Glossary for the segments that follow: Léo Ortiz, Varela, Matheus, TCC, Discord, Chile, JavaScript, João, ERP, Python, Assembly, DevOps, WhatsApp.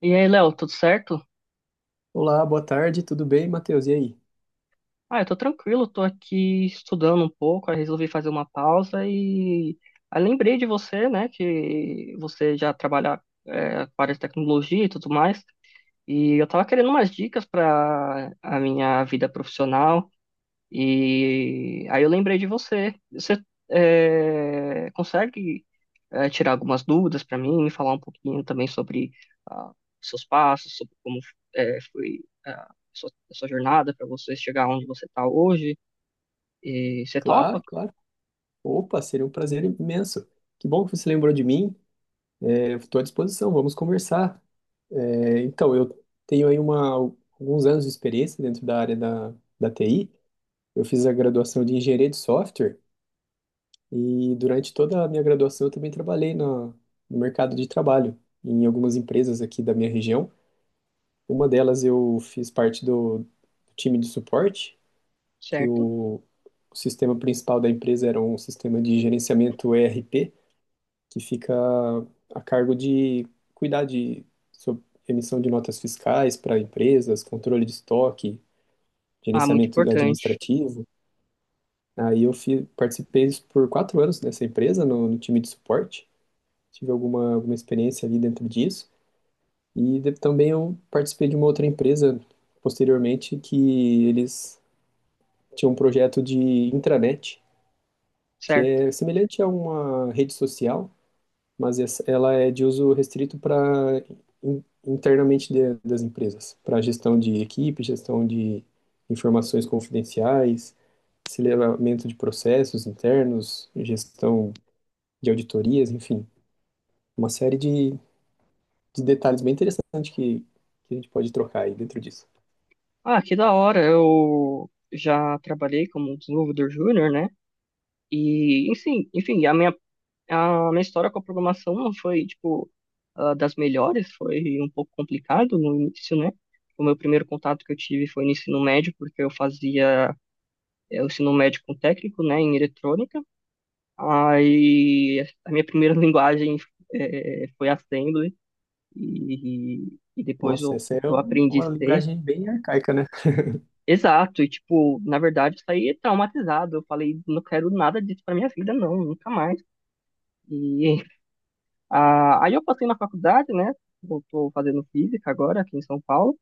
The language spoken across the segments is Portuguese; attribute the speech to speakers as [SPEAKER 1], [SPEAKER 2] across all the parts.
[SPEAKER 1] E aí, Léo, tudo certo?
[SPEAKER 2] Olá, boa tarde, tudo bem, Matheus? E aí?
[SPEAKER 1] Eu tô tranquilo, tô aqui estudando um pouco, aí resolvi fazer uma pausa e aí lembrei de você, né, que você já trabalha com a área de tecnologia e tudo mais, e eu tava querendo umas dicas para a minha vida profissional. E aí eu lembrei de você. Você consegue tirar algumas dúvidas para mim, me falar um pouquinho também sobre ah, seus passos, sobre como foi a sua jornada para você chegar onde você está hoje? E você topa?
[SPEAKER 2] Claro, claro. Opa, seria um prazer imenso. Que bom que você lembrou de mim. Estou à disposição, vamos conversar. Eu tenho aí alguns anos de experiência dentro da área da TI. Eu fiz a graduação de engenharia de software e durante toda a minha graduação eu também trabalhei no mercado de trabalho, em algumas empresas aqui da minha região. Uma delas eu fiz parte do time de suporte que
[SPEAKER 1] Certo?
[SPEAKER 2] o sistema principal da empresa era um sistema de gerenciamento ERP, que fica a cargo de cuidar de sob- emissão de notas fiscais para empresas, controle de estoque,
[SPEAKER 1] Ah, muito
[SPEAKER 2] gerenciamento
[SPEAKER 1] importante.
[SPEAKER 2] administrativo. Aí participei por 4 anos nessa empresa, no time de suporte. Tive alguma experiência ali dentro disso. E também eu participei de uma outra empresa posteriormente que eles tinham um projeto de intranet que
[SPEAKER 1] Certo.
[SPEAKER 2] é semelhante a uma rede social, mas ela é de uso restrito para internamente das empresas, para gestão de equipe, gestão de informações confidenciais, aceleramento de processos internos, gestão de auditorias, enfim, uma série de detalhes bem interessantes que a gente pode trocar aí dentro disso.
[SPEAKER 1] Ah, que da hora. Eu já trabalhei como desenvolvedor júnior, né? E, enfim, a minha A minha história com a programação não foi, tipo, ah, das melhores, foi um pouco complicado no início, né? O meu primeiro contato que eu tive foi no ensino médio, porque eu fazia o ensino médio com técnico, né, em eletrônica. Aí a minha primeira linguagem foi Assembly, e, e depois
[SPEAKER 2] Nossa,
[SPEAKER 1] eu,
[SPEAKER 2] essa é
[SPEAKER 1] eu aprendi
[SPEAKER 2] uma
[SPEAKER 1] C.
[SPEAKER 2] linguagem bem arcaica, né?
[SPEAKER 1] Exato, e tipo, na verdade, isso aí é traumatizado. Eu falei, não quero nada disso pra minha vida, não, nunca mais. E ah, aí eu passei na faculdade, né? Eu tô fazendo física agora aqui em São Paulo.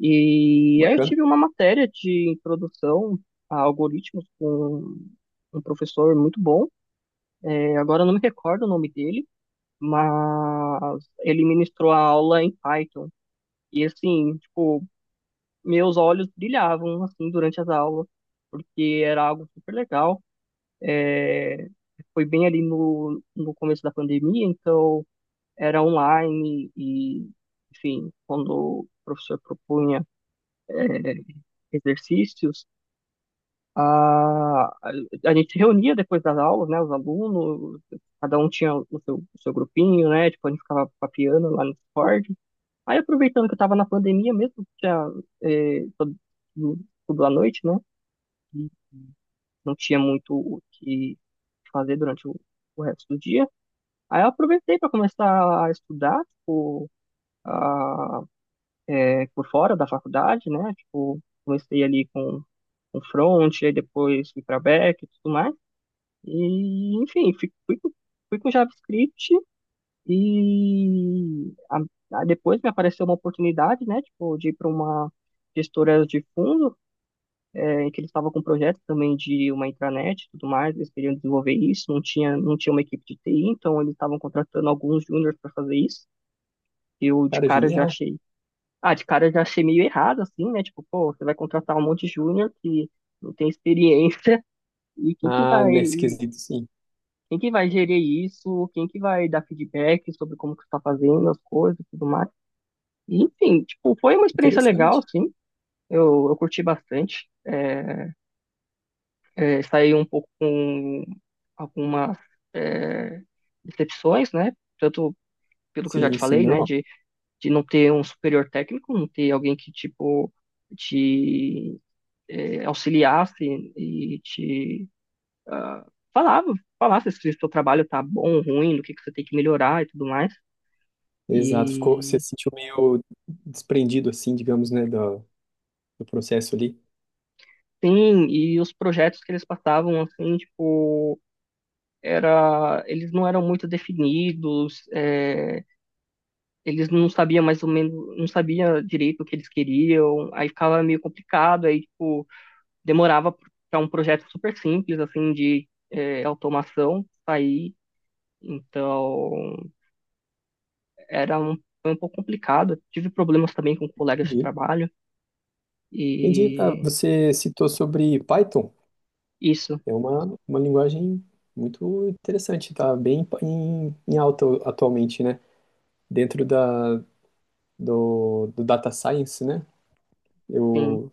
[SPEAKER 1] E aí eu
[SPEAKER 2] Bacana.
[SPEAKER 1] tive uma matéria de introdução a algoritmos com um professor muito bom. É, agora eu não me recordo o nome dele, mas ele ministrou a aula em Python. E assim, tipo, meus olhos brilhavam assim durante as aulas, porque era algo super legal. É, foi bem ali no, no começo da pandemia, então era online e, enfim, quando o professor propunha eh, exercícios, a, a gente se reunia depois das aulas, né, os alunos, cada um tinha o seu grupinho, né, tipo, a gente ficava papiando lá no Discord. Aí, aproveitando que eu estava na pandemia mesmo, tinha, eh, todo- tudo à noite, né, e não tinha muito o que fazer durante o resto do dia. Aí eu aproveitei para começar a estudar, tipo, a é, por fora da faculdade, né? Tipo, comecei ali com front, aí depois fui para back e tudo mais. E, enfim, fui com JavaScript e a- depois me apareceu uma oportunidade, né? Tipo, de ir para uma gestora de fundo, é, em que eles estavam com um projeto também de uma intranet e tudo mais, eles queriam desenvolver isso, não tinha, não tinha uma equipe de TI, então eles estavam contratando alguns juniors para fazer isso. Eu de
[SPEAKER 2] Cara,
[SPEAKER 1] cara já
[SPEAKER 2] genial.
[SPEAKER 1] achei ah, de cara eu já achei meio errado, assim, né? Tipo, pô, você vai contratar um monte de júnior que não tem experiência e
[SPEAKER 2] Ah, nesse quesito, sim.
[SPEAKER 1] quem que vai gerir isso? Quem que vai dar feedback sobre como que você tá fazendo as coisas e tudo mais? E, enfim, tipo, foi uma experiência legal,
[SPEAKER 2] Interessante.
[SPEAKER 1] assim. Eu curti bastante. É, é, saí um pouco com algumas é, decepções, né? Tanto pelo que eu já te
[SPEAKER 2] Sim, sim,
[SPEAKER 1] falei, né?
[SPEAKER 2] normal.
[SPEAKER 1] De não ter um superior técnico, não ter alguém que, tipo, te auxiliasse e te ah, falava, falasse se o seu trabalho tá bom, ruim, do que você tem que melhorar e tudo mais.
[SPEAKER 2] Exato, ficou, você
[SPEAKER 1] E
[SPEAKER 2] se sentiu meio desprendido, assim, digamos, né, do processo ali.
[SPEAKER 1] sim, e os projetos que eles passavam assim, tipo, era, eles não eram muito definidos, eles não sabiam mais ou menos, não sabia direito o que eles queriam, aí ficava meio complicado, aí tipo, demorava para um projeto super simples assim de automação sair. Então, era um, foi um pouco complicado. Tive problemas também com colegas de
[SPEAKER 2] Entendi.
[SPEAKER 1] trabalho
[SPEAKER 2] Entendi. Ah,
[SPEAKER 1] e
[SPEAKER 2] você citou sobre Python,
[SPEAKER 1] isso,
[SPEAKER 2] é uma linguagem muito interessante, tá bem em alta atualmente, né? Dentro do data science, né?
[SPEAKER 1] sim,
[SPEAKER 2] Eu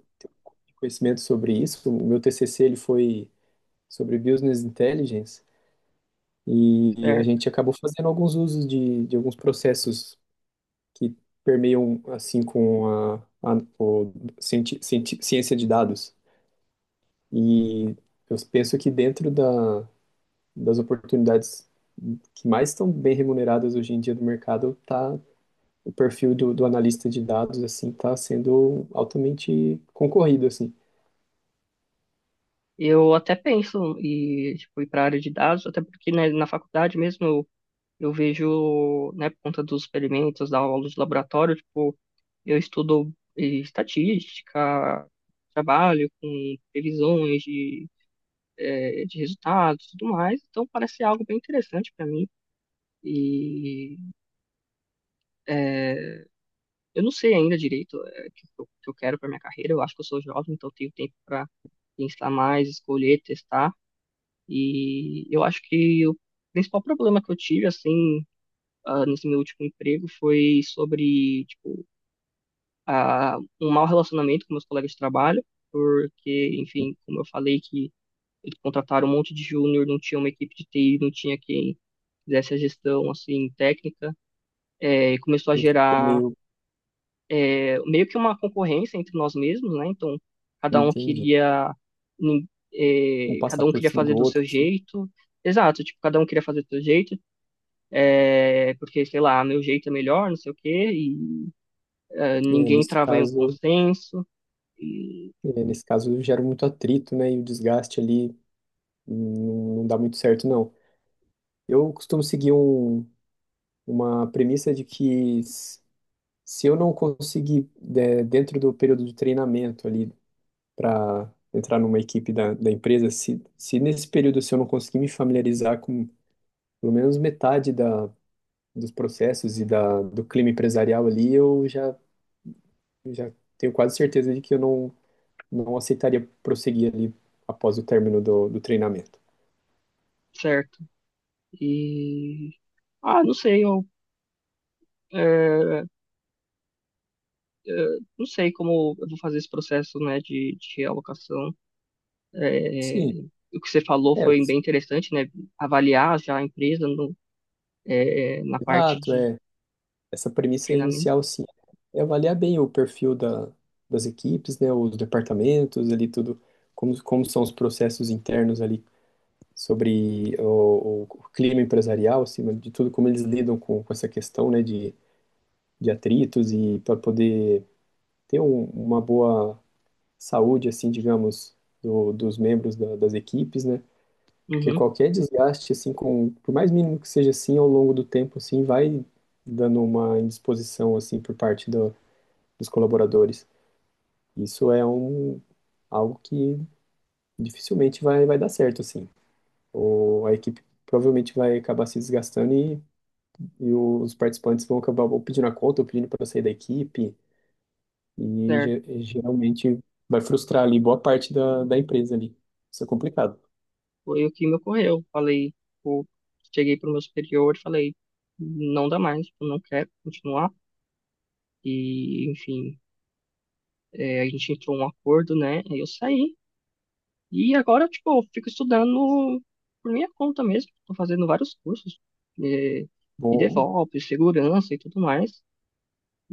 [SPEAKER 2] tenho conhecimento sobre isso. O meu TCC ele foi sobre business intelligence e a
[SPEAKER 1] certo.
[SPEAKER 2] gente acabou fazendo alguns usos de alguns processos que permeiam assim com a o ciência de dados. E eu penso que dentro das oportunidades que mais estão bem remuneradas hoje em dia do mercado, tá, o perfil do analista de dados assim está sendo altamente concorrido assim.
[SPEAKER 1] Eu até penso em tipo, ir para a área de dados, até porque né, na faculdade mesmo eu vejo, né, por conta dos experimentos, da aula de laboratório, tipo, eu estudo estatística, trabalho com previsões de, de resultados e tudo mais, então parece algo bem interessante para mim. E eh, eu não sei ainda direito é, o que eu quero para minha carreira. Eu acho que eu sou jovem, então eu tenho tempo para pensar mais, escolher, testar. E eu acho que o principal problema que eu tive, assim, ah, nesse meu último emprego foi sobre, tipo, ah, um mau relacionamento com meus colegas de trabalho, porque, enfim, como eu falei que eles contrataram um monte de júnior, não tinha uma equipe de TI, não tinha quem fizesse a gestão, assim, técnica. É, começou a
[SPEAKER 2] Ele ficou
[SPEAKER 1] gerar
[SPEAKER 2] meio,
[SPEAKER 1] é, meio que uma concorrência entre nós mesmos, né? Então, cada um
[SPEAKER 2] entendi,
[SPEAKER 1] queria, nin-
[SPEAKER 2] um
[SPEAKER 1] cada
[SPEAKER 2] passar
[SPEAKER 1] um
[SPEAKER 2] por
[SPEAKER 1] queria
[SPEAKER 2] cima
[SPEAKER 1] fazer
[SPEAKER 2] do
[SPEAKER 1] do
[SPEAKER 2] outro
[SPEAKER 1] seu
[SPEAKER 2] assim.
[SPEAKER 1] jeito. Exato, tipo, cada um queria fazer do seu jeito, é, porque, sei lá, meu jeito é melhor, não sei o quê, e
[SPEAKER 2] É,
[SPEAKER 1] ninguém
[SPEAKER 2] nesse
[SPEAKER 1] trava em um
[SPEAKER 2] caso,
[SPEAKER 1] consenso, e-
[SPEAKER 2] é, nesse caso gera muito atrito, né? E o desgaste ali, não, não dá muito certo, não. Eu costumo seguir uma premissa de que se eu não conseguir, dentro do período de treinamento ali, para entrar numa equipe da empresa, se nesse período se eu não conseguir me familiarizar com pelo menos metade dos processos e do clima empresarial ali, eu já tenho quase certeza de que eu não, não aceitaria prosseguir ali após o término do treinamento.
[SPEAKER 1] certo? E, ah, não sei, eh, não sei como eu vou fazer esse processo, né, de alocação.
[SPEAKER 2] Sim,
[SPEAKER 1] Eh, o que você falou
[SPEAKER 2] é,
[SPEAKER 1] foi bem interessante, né? Avaliar já a empresa no é, é, na parte
[SPEAKER 2] exato,
[SPEAKER 1] de
[SPEAKER 2] é. Essa premissa
[SPEAKER 1] treinamento.
[SPEAKER 2] inicial, sim, é avaliar bem o perfil das equipes, né, os departamentos ali, tudo, como são os processos internos ali sobre o clima empresarial, acima de tudo, como eles lidam com essa questão, né, de atritos, e para poder ter uma boa saúde, assim, digamos, dos membros das equipes, né, porque
[SPEAKER 1] Uhum,
[SPEAKER 2] qualquer desgaste, assim, com, por mais mínimo que seja assim, ao longo do tempo, assim, vai dando uma indisposição, assim, por parte do dos colaboradores. Isso é um, algo que dificilmente vai dar certo, assim. A equipe provavelmente vai acabar se desgastando e os participantes vão acabar ou pedindo a conta ou pedindo para sair da equipe e
[SPEAKER 1] certo.
[SPEAKER 2] geralmente vai frustrar ali boa parte da empresa ali. Isso é complicado.
[SPEAKER 1] Foi o que me ocorreu. Falei, tipo, cheguei pro meu superior e falei, não dá mais, eu não quero continuar. E, enfim, é, a gente entrou um acordo, né? Aí eu saí. E agora, tipo, eu fico estudando por minha conta mesmo. Tô fazendo vários cursos é, de
[SPEAKER 2] Bom,
[SPEAKER 1] DevOps, segurança e tudo mais.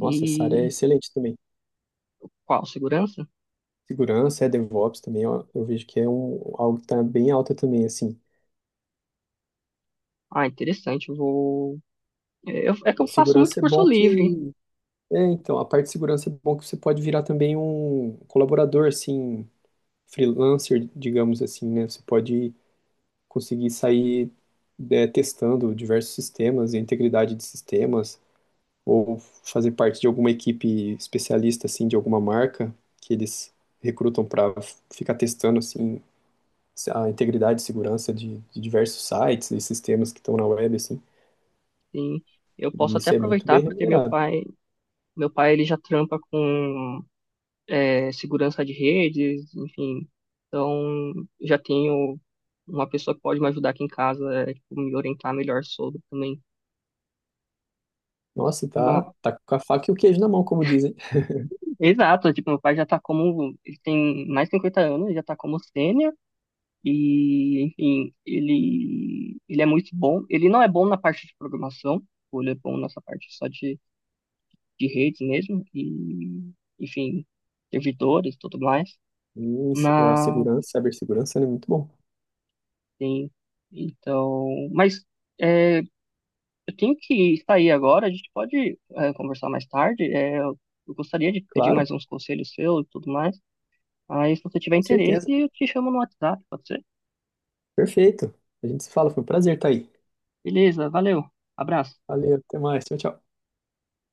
[SPEAKER 2] nossa, essa área é excelente também.
[SPEAKER 1] qual? Segurança?
[SPEAKER 2] Segurança, é DevOps também, ó, eu vejo que é um, algo que está bem alta também, assim.
[SPEAKER 1] Ah, interessante. Eu vou. É eu- é que eu faço muito
[SPEAKER 2] Segurança é
[SPEAKER 1] curso
[SPEAKER 2] bom
[SPEAKER 1] livre.
[SPEAKER 2] que É, então, a parte de segurança é bom que você pode virar também um colaborador, assim, freelancer, digamos assim, né? Você pode conseguir sair, é, testando diversos sistemas, a integridade de sistemas, ou fazer parte de alguma equipe especialista, assim, de alguma marca que eles recrutam para ficar testando, assim, a integridade e segurança de diversos sites e sistemas que estão na web, assim.
[SPEAKER 1] Sim, eu
[SPEAKER 2] E
[SPEAKER 1] posso até
[SPEAKER 2] isso é muito
[SPEAKER 1] aproveitar
[SPEAKER 2] bem
[SPEAKER 1] porque meu
[SPEAKER 2] remunerado.
[SPEAKER 1] pai, meu pai ele já trampa com segurança de redes, enfim. Então já tenho uma pessoa que pode me ajudar aqui em casa, é, tipo, me orientar melhor sobre também.
[SPEAKER 2] Nossa, tá,
[SPEAKER 1] Ma-
[SPEAKER 2] tá com a faca e o queijo na mão, como dizem.
[SPEAKER 1] exato, tipo, meu pai já tá como, ele tem mais de 50 anos, ele já tá como sênior e, enfim, ele é muito bom. Ele não é bom na parte de programação, tipo, ele é bom nessa parte só de redes mesmo, e, enfim, servidores e tudo mais.
[SPEAKER 2] E a
[SPEAKER 1] Mas,
[SPEAKER 2] segurança, cibersegurança, né, é muito bom.
[SPEAKER 1] sim, então. Mas é, eu tenho que sair agora, a gente pode é, conversar mais tarde. É, eu gostaria de pedir
[SPEAKER 2] Claro,
[SPEAKER 1] mais uns conselhos seus e tudo mais. Aí, se você tiver
[SPEAKER 2] com
[SPEAKER 1] interesse,
[SPEAKER 2] certeza.
[SPEAKER 1] eu te chamo no WhatsApp, pode ser?
[SPEAKER 2] Perfeito. A gente se fala, foi um prazer estar aí.
[SPEAKER 1] Beleza, valeu, abraço.
[SPEAKER 2] Valeu, até mais. Tchau, tchau.